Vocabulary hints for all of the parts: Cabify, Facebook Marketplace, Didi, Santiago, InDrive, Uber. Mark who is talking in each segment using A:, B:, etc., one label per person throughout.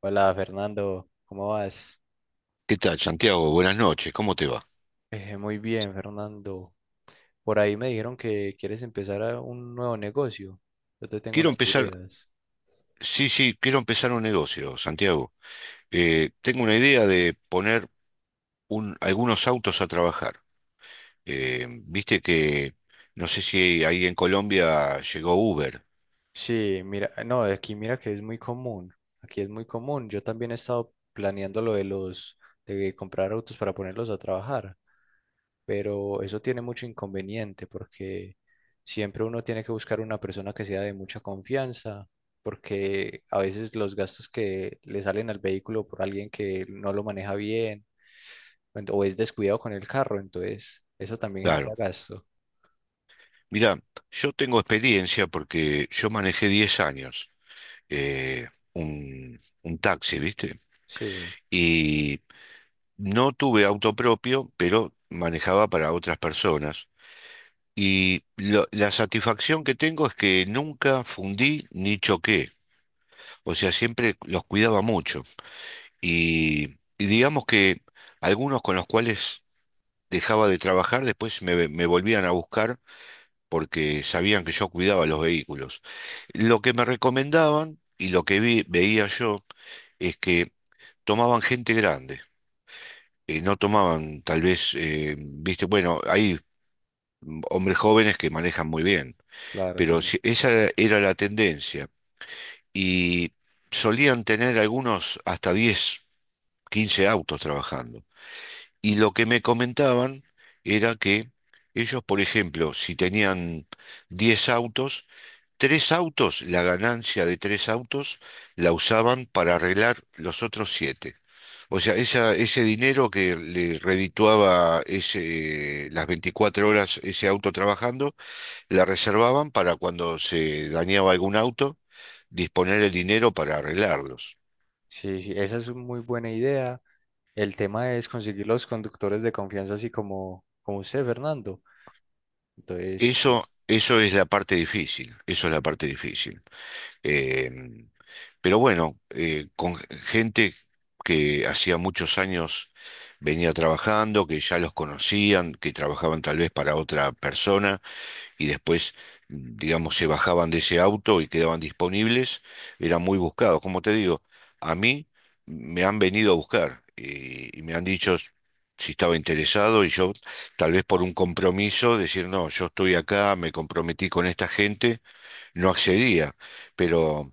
A: Hola Fernando, ¿cómo vas?
B: ¿Qué tal, Santiago? Buenas noches, ¿cómo te va?
A: Muy bien, Fernando. Por ahí me dijeron que quieres empezar a un nuevo negocio. Yo te tengo
B: Quiero
A: unas
B: empezar,
A: ideas.
B: sí, sí, quiero empezar un negocio, Santiago. Tengo una idea de poner algunos autos a trabajar. Viste que, no sé si ahí en Colombia llegó Uber.
A: Sí, mira, no, aquí mira que es muy común. Aquí es muy común. Yo también he estado planeando de comprar autos para ponerlos a trabajar, pero eso tiene mucho inconveniente porque siempre uno tiene que buscar una persona que sea de mucha confianza, porque a veces los gastos que le salen al vehículo por alguien que no lo maneja bien o es descuidado con el carro, entonces eso también genera
B: Claro.
A: gasto.
B: Mira, yo tengo experiencia porque yo manejé 10 años, un taxi, ¿viste?
A: Sí,
B: Y no tuve auto propio, pero manejaba para otras personas. Y la satisfacción que tengo es que nunca fundí ni choqué. O sea, siempre los cuidaba mucho. Y, y digamos que algunos con los cuales dejaba de trabajar, después me volvían a buscar porque sabían que yo cuidaba los vehículos. Lo que me recomendaban y lo que veía yo es que tomaban gente grande. No tomaban tal vez, viste, bueno, hay hombres jóvenes que manejan muy bien,
A: claro,
B: pero
A: sí.
B: esa era la tendencia. Y solían tener algunos hasta 10, 15 autos trabajando. Y lo que me comentaban era que ellos, por ejemplo, si tenían 10 autos, tres autos, la ganancia de tres autos la usaban para arreglar los otros siete. O sea, ese dinero que le redituaba ese, las 24 horas ese auto trabajando, la reservaban para cuando se dañaba algún auto disponer el dinero para arreglarlos.
A: Sí, sí, esa es una muy buena idea. El tema es conseguir los conductores de confianza, así como usted, Fernando. Entonces, sí.
B: Eso es la parte difícil, eso es la parte difícil. Eh, pero bueno, con gente que hacía muchos años venía trabajando, que ya los conocían, que trabajaban tal vez para otra persona y después, digamos, se bajaban de ese auto y quedaban disponibles, eran muy buscados. Como te digo, a mí me han venido a buscar, y me han dicho si estaba interesado y yo tal vez por un compromiso, decir, no, yo estoy acá, me comprometí con esta gente, no accedía, pero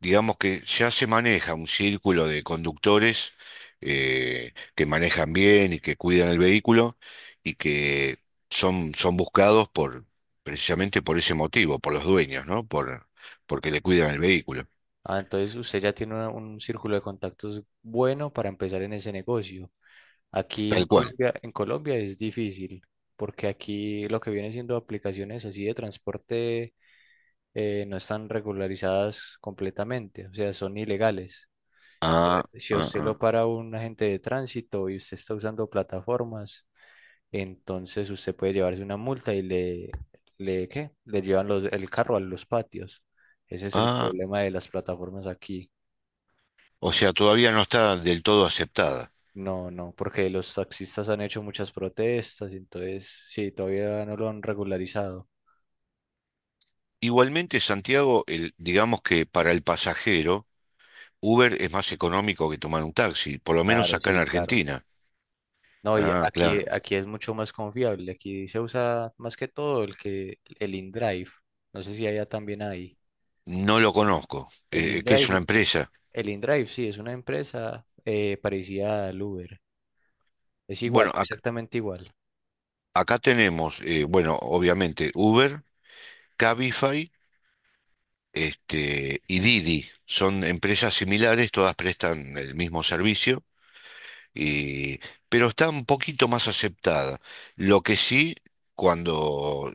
B: digamos que ya se maneja un círculo de conductores, que manejan bien y que cuidan el vehículo y que son buscados precisamente por ese motivo, por los dueños, ¿no? Porque le cuidan el vehículo.
A: Ah, entonces usted ya tiene un círculo de contactos bueno para empezar en ese negocio. Aquí
B: Tal cual.
A: En Colombia es difícil, porque aquí lo que viene siendo aplicaciones así de transporte no están regularizadas completamente, o sea, son ilegales.
B: Ah,
A: Si a
B: ah,
A: usted
B: ah,
A: lo para un agente de tránsito y usted está usando plataformas, entonces usted puede llevarse una multa ¿qué? Le llevan el carro a los patios. Ese es el
B: ah.
A: problema de las plataformas aquí.
B: O sea, todavía no está del todo aceptada.
A: No, no, porque los taxistas han hecho muchas protestas, y entonces sí, todavía no lo han regularizado.
B: Igualmente, Santiago, digamos que para el pasajero, Uber es más económico que tomar un taxi, por lo menos
A: Claro,
B: acá en
A: sí, claro.
B: Argentina.
A: No, y
B: Ah,
A: aquí,
B: claro.
A: aquí es mucho más confiable. Aquí se usa más que todo el InDrive. No sé si allá también hay.
B: No lo conozco.
A: El
B: ¿Qué es una
A: InDrive,
B: empresa?
A: el InDrive sí, es una empresa parecida al Uber. Es igual,
B: Bueno,
A: exactamente igual.
B: acá tenemos, bueno, obviamente Uber, Cabify, y Didi. Son empresas similares, todas prestan el mismo servicio, y, pero está un poquito más aceptada. Lo que sí, cuando,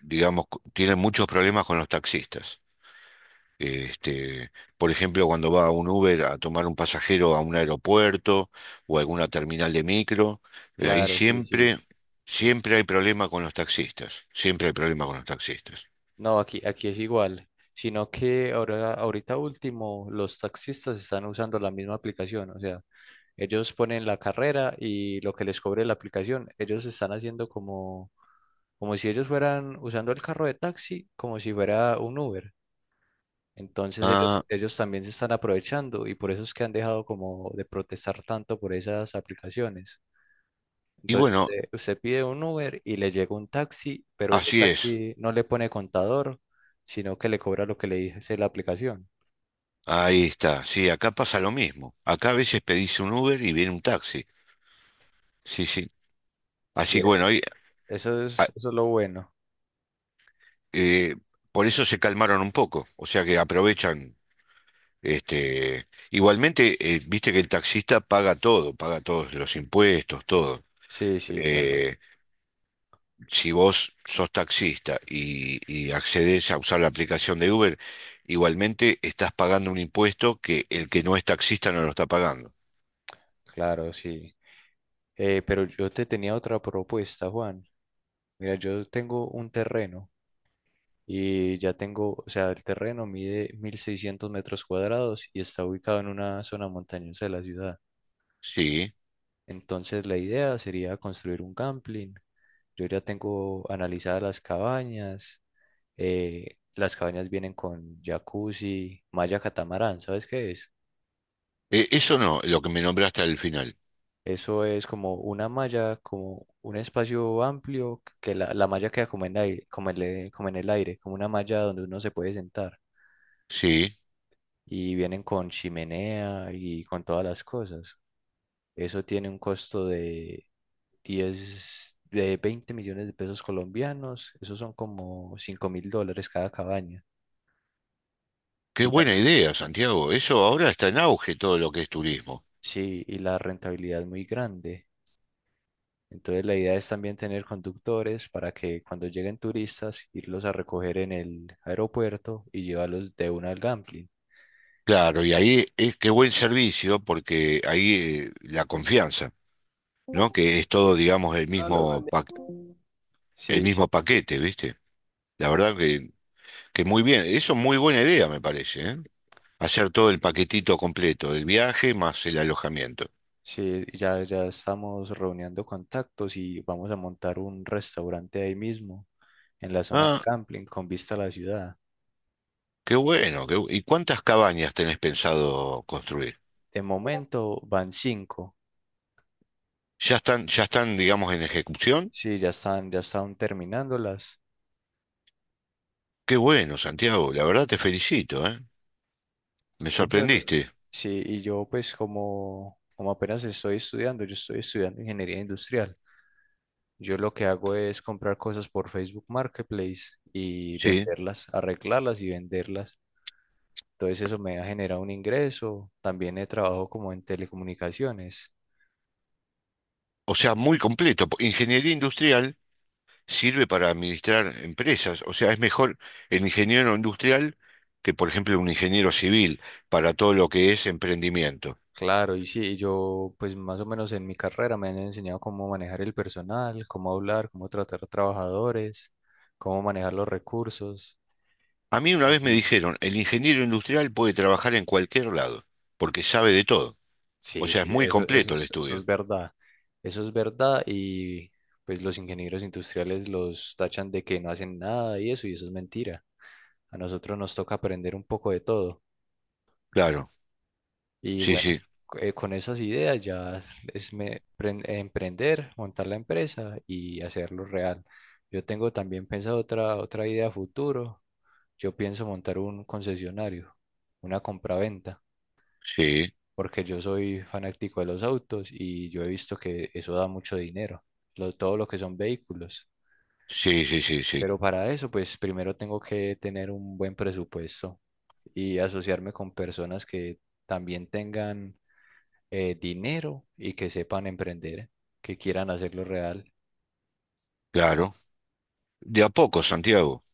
B: digamos, tienen muchos problemas con los taxistas. Este, por ejemplo, cuando va un Uber a tomar un pasajero a un aeropuerto o a alguna terminal de micro, ahí
A: Claro, sí, sí.
B: siempre,
A: Sí.
B: siempre hay problema con los taxistas. Siempre hay problema con los taxistas.
A: No, aquí, aquí es igual, sino que ahora, ahorita último, los taxistas están usando la misma aplicación, o sea, ellos ponen la carrera y lo que les cobre la aplicación, ellos están haciendo como, como si ellos fueran usando el carro de taxi, como si fuera un Uber. Entonces ellos,
B: Ah,
A: ellos también se están aprovechando y por eso es que han dejado como de protestar tanto por esas aplicaciones.
B: y
A: Entonces
B: bueno,
A: usted, usted pide un Uber y le llega un taxi, pero ese
B: así es.
A: taxi no le pone contador, sino que le cobra lo que le dice la aplicación.
B: Ahí está. Sí, acá pasa lo mismo. Acá a veces pedís un Uber y viene un taxi. Sí, sí.
A: Sí,
B: Así que bueno, ah,
A: eso es lo bueno.
B: eh, por eso se calmaron un poco. O sea que aprovechan. Igualmente, viste que el taxista paga todo, paga todos los impuestos, todo.
A: Sí, sí, claro,
B: Eh, si vos sos taxista y accedes a usar la aplicación de Uber, igualmente estás pagando un impuesto que el que no es taxista no lo está pagando.
A: claro, sí. Pero yo te tenía otra propuesta, Juan. Mira, yo tengo un terreno y ya tengo, o sea, el terreno mide 1.600 metros cuadrados y está ubicado en una zona montañosa de la ciudad.
B: Sí.
A: Entonces la idea sería construir un camping. Yo ya tengo analizadas las cabañas. Eh, las cabañas vienen con jacuzzi, malla catamarán, ¿sabes qué es?
B: Eso no, lo que me nombraste al final.
A: Eso es como una malla, como un espacio amplio, que la malla queda como en aire, como en el aire, como una malla donde uno se puede sentar.
B: Sí.
A: Y vienen con chimenea y con todas las cosas. Eso tiene un costo de 10 de 20 millones de pesos colombianos. Esos son como 5.000 dólares cada cabaña.
B: Qué
A: Y la…
B: buena idea, Santiago. Eso ahora está en auge todo lo que es turismo.
A: Sí, y la rentabilidad es muy grande. Entonces la idea es también tener conductores para que cuando lleguen turistas, irlos a recoger en el aeropuerto y llevarlos de una al gambling.
B: Claro, y ahí es qué buen servicio porque ahí, la confianza. ¿No? Que es todo, digamos,
A: Ah, lo gané.
B: el
A: Sí, sí,
B: mismo paquete, ¿viste? La verdad que muy bien. Eso es muy buena idea, me parece, ¿eh? Hacer todo el paquetito completo, el viaje más el alojamiento.
A: sí, ya, ya estamos reuniendo contactos y vamos a montar un restaurante ahí mismo, en la zona del
B: Ah,
A: gambling, con vista a la ciudad.
B: qué bueno. ¿Y cuántas cabañas tenés pensado construir?
A: De momento van 5.
B: ¿Ya están, digamos, en ejecución?
A: Sí, ya están terminándolas.
B: Qué bueno, Santiago. La verdad te felicito, ¿eh? Me
A: Eso-
B: sorprendiste.
A: Sí, y yo pues como, como apenas estoy estudiando, yo estoy estudiando ingeniería industrial. Yo lo que hago es comprar cosas por Facebook Marketplace y
B: Sí.
A: venderlas, arreglarlas y venderlas. Entonces eso me ha generado un ingreso. También he trabajado como en telecomunicaciones.
B: O sea, muy completo. Ingeniería industrial sirve para administrar empresas. O sea, es mejor el ingeniero industrial que, por ejemplo, un ingeniero civil para todo lo que es emprendimiento.
A: Claro, y sí, yo pues más o menos en mi carrera me han enseñado cómo manejar el personal, cómo hablar, cómo tratar a trabajadores, cómo manejar los recursos.
B: A mí una vez me dijeron, el ingeniero industrial puede trabajar en cualquier lado, porque sabe de todo. O
A: Sí,
B: sea, es
A: sí,
B: muy
A: eso,
B: completo el
A: eso
B: estudio.
A: es verdad. Eso es verdad y pues los ingenieros industriales los tachan de que no hacen nada y eso, y eso es mentira. A nosotros nos toca aprender un poco de todo.
B: Claro,
A: Y
B: sí, sí,
A: bueno, con esas ideas ya es emprender, montar la empresa y hacerlo real. Yo tengo también pensado otra idea a futuro. Yo pienso montar un concesionario, una compraventa,
B: sí,
A: porque yo soy fanático de los autos y yo he visto que eso da mucho dinero, todo lo que son vehículos.
B: sí, sí, sí, sí,
A: Pero para eso, pues primero tengo que tener un buen presupuesto y asociarme con personas que también tengan dinero y que sepan emprender, que quieran hacerlo real.
B: claro. De a poco, Santiago,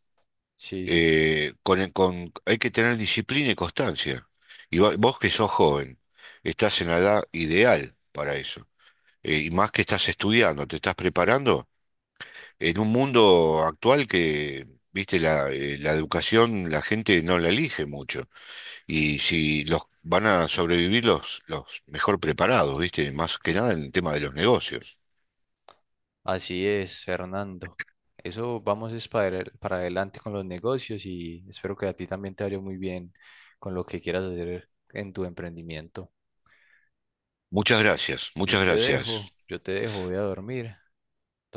A: Sí, sí,
B: con, hay que tener disciplina y constancia. Y vos que sos joven, estás en la edad ideal para eso. Y más que estás estudiando, te estás preparando en un mundo actual que, viste, la educación la gente no la elige mucho. Y si los van a sobrevivir los mejor preparados, viste, más que nada en el tema de los negocios.
A: así es, Fernando. Eso vamos es para, para adelante con los negocios y espero que a ti también te vaya muy bien con lo que quieras hacer en tu emprendimiento.
B: Muchas gracias, muchas gracias.
A: Yo te dejo, voy a dormir.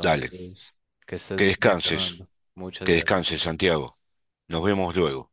B: Dale,
A: que estés
B: que
A: muy bien,
B: descanses,
A: Fernando. Muchas
B: que descanses,
A: gracias.
B: Santiago. Nos vemos luego.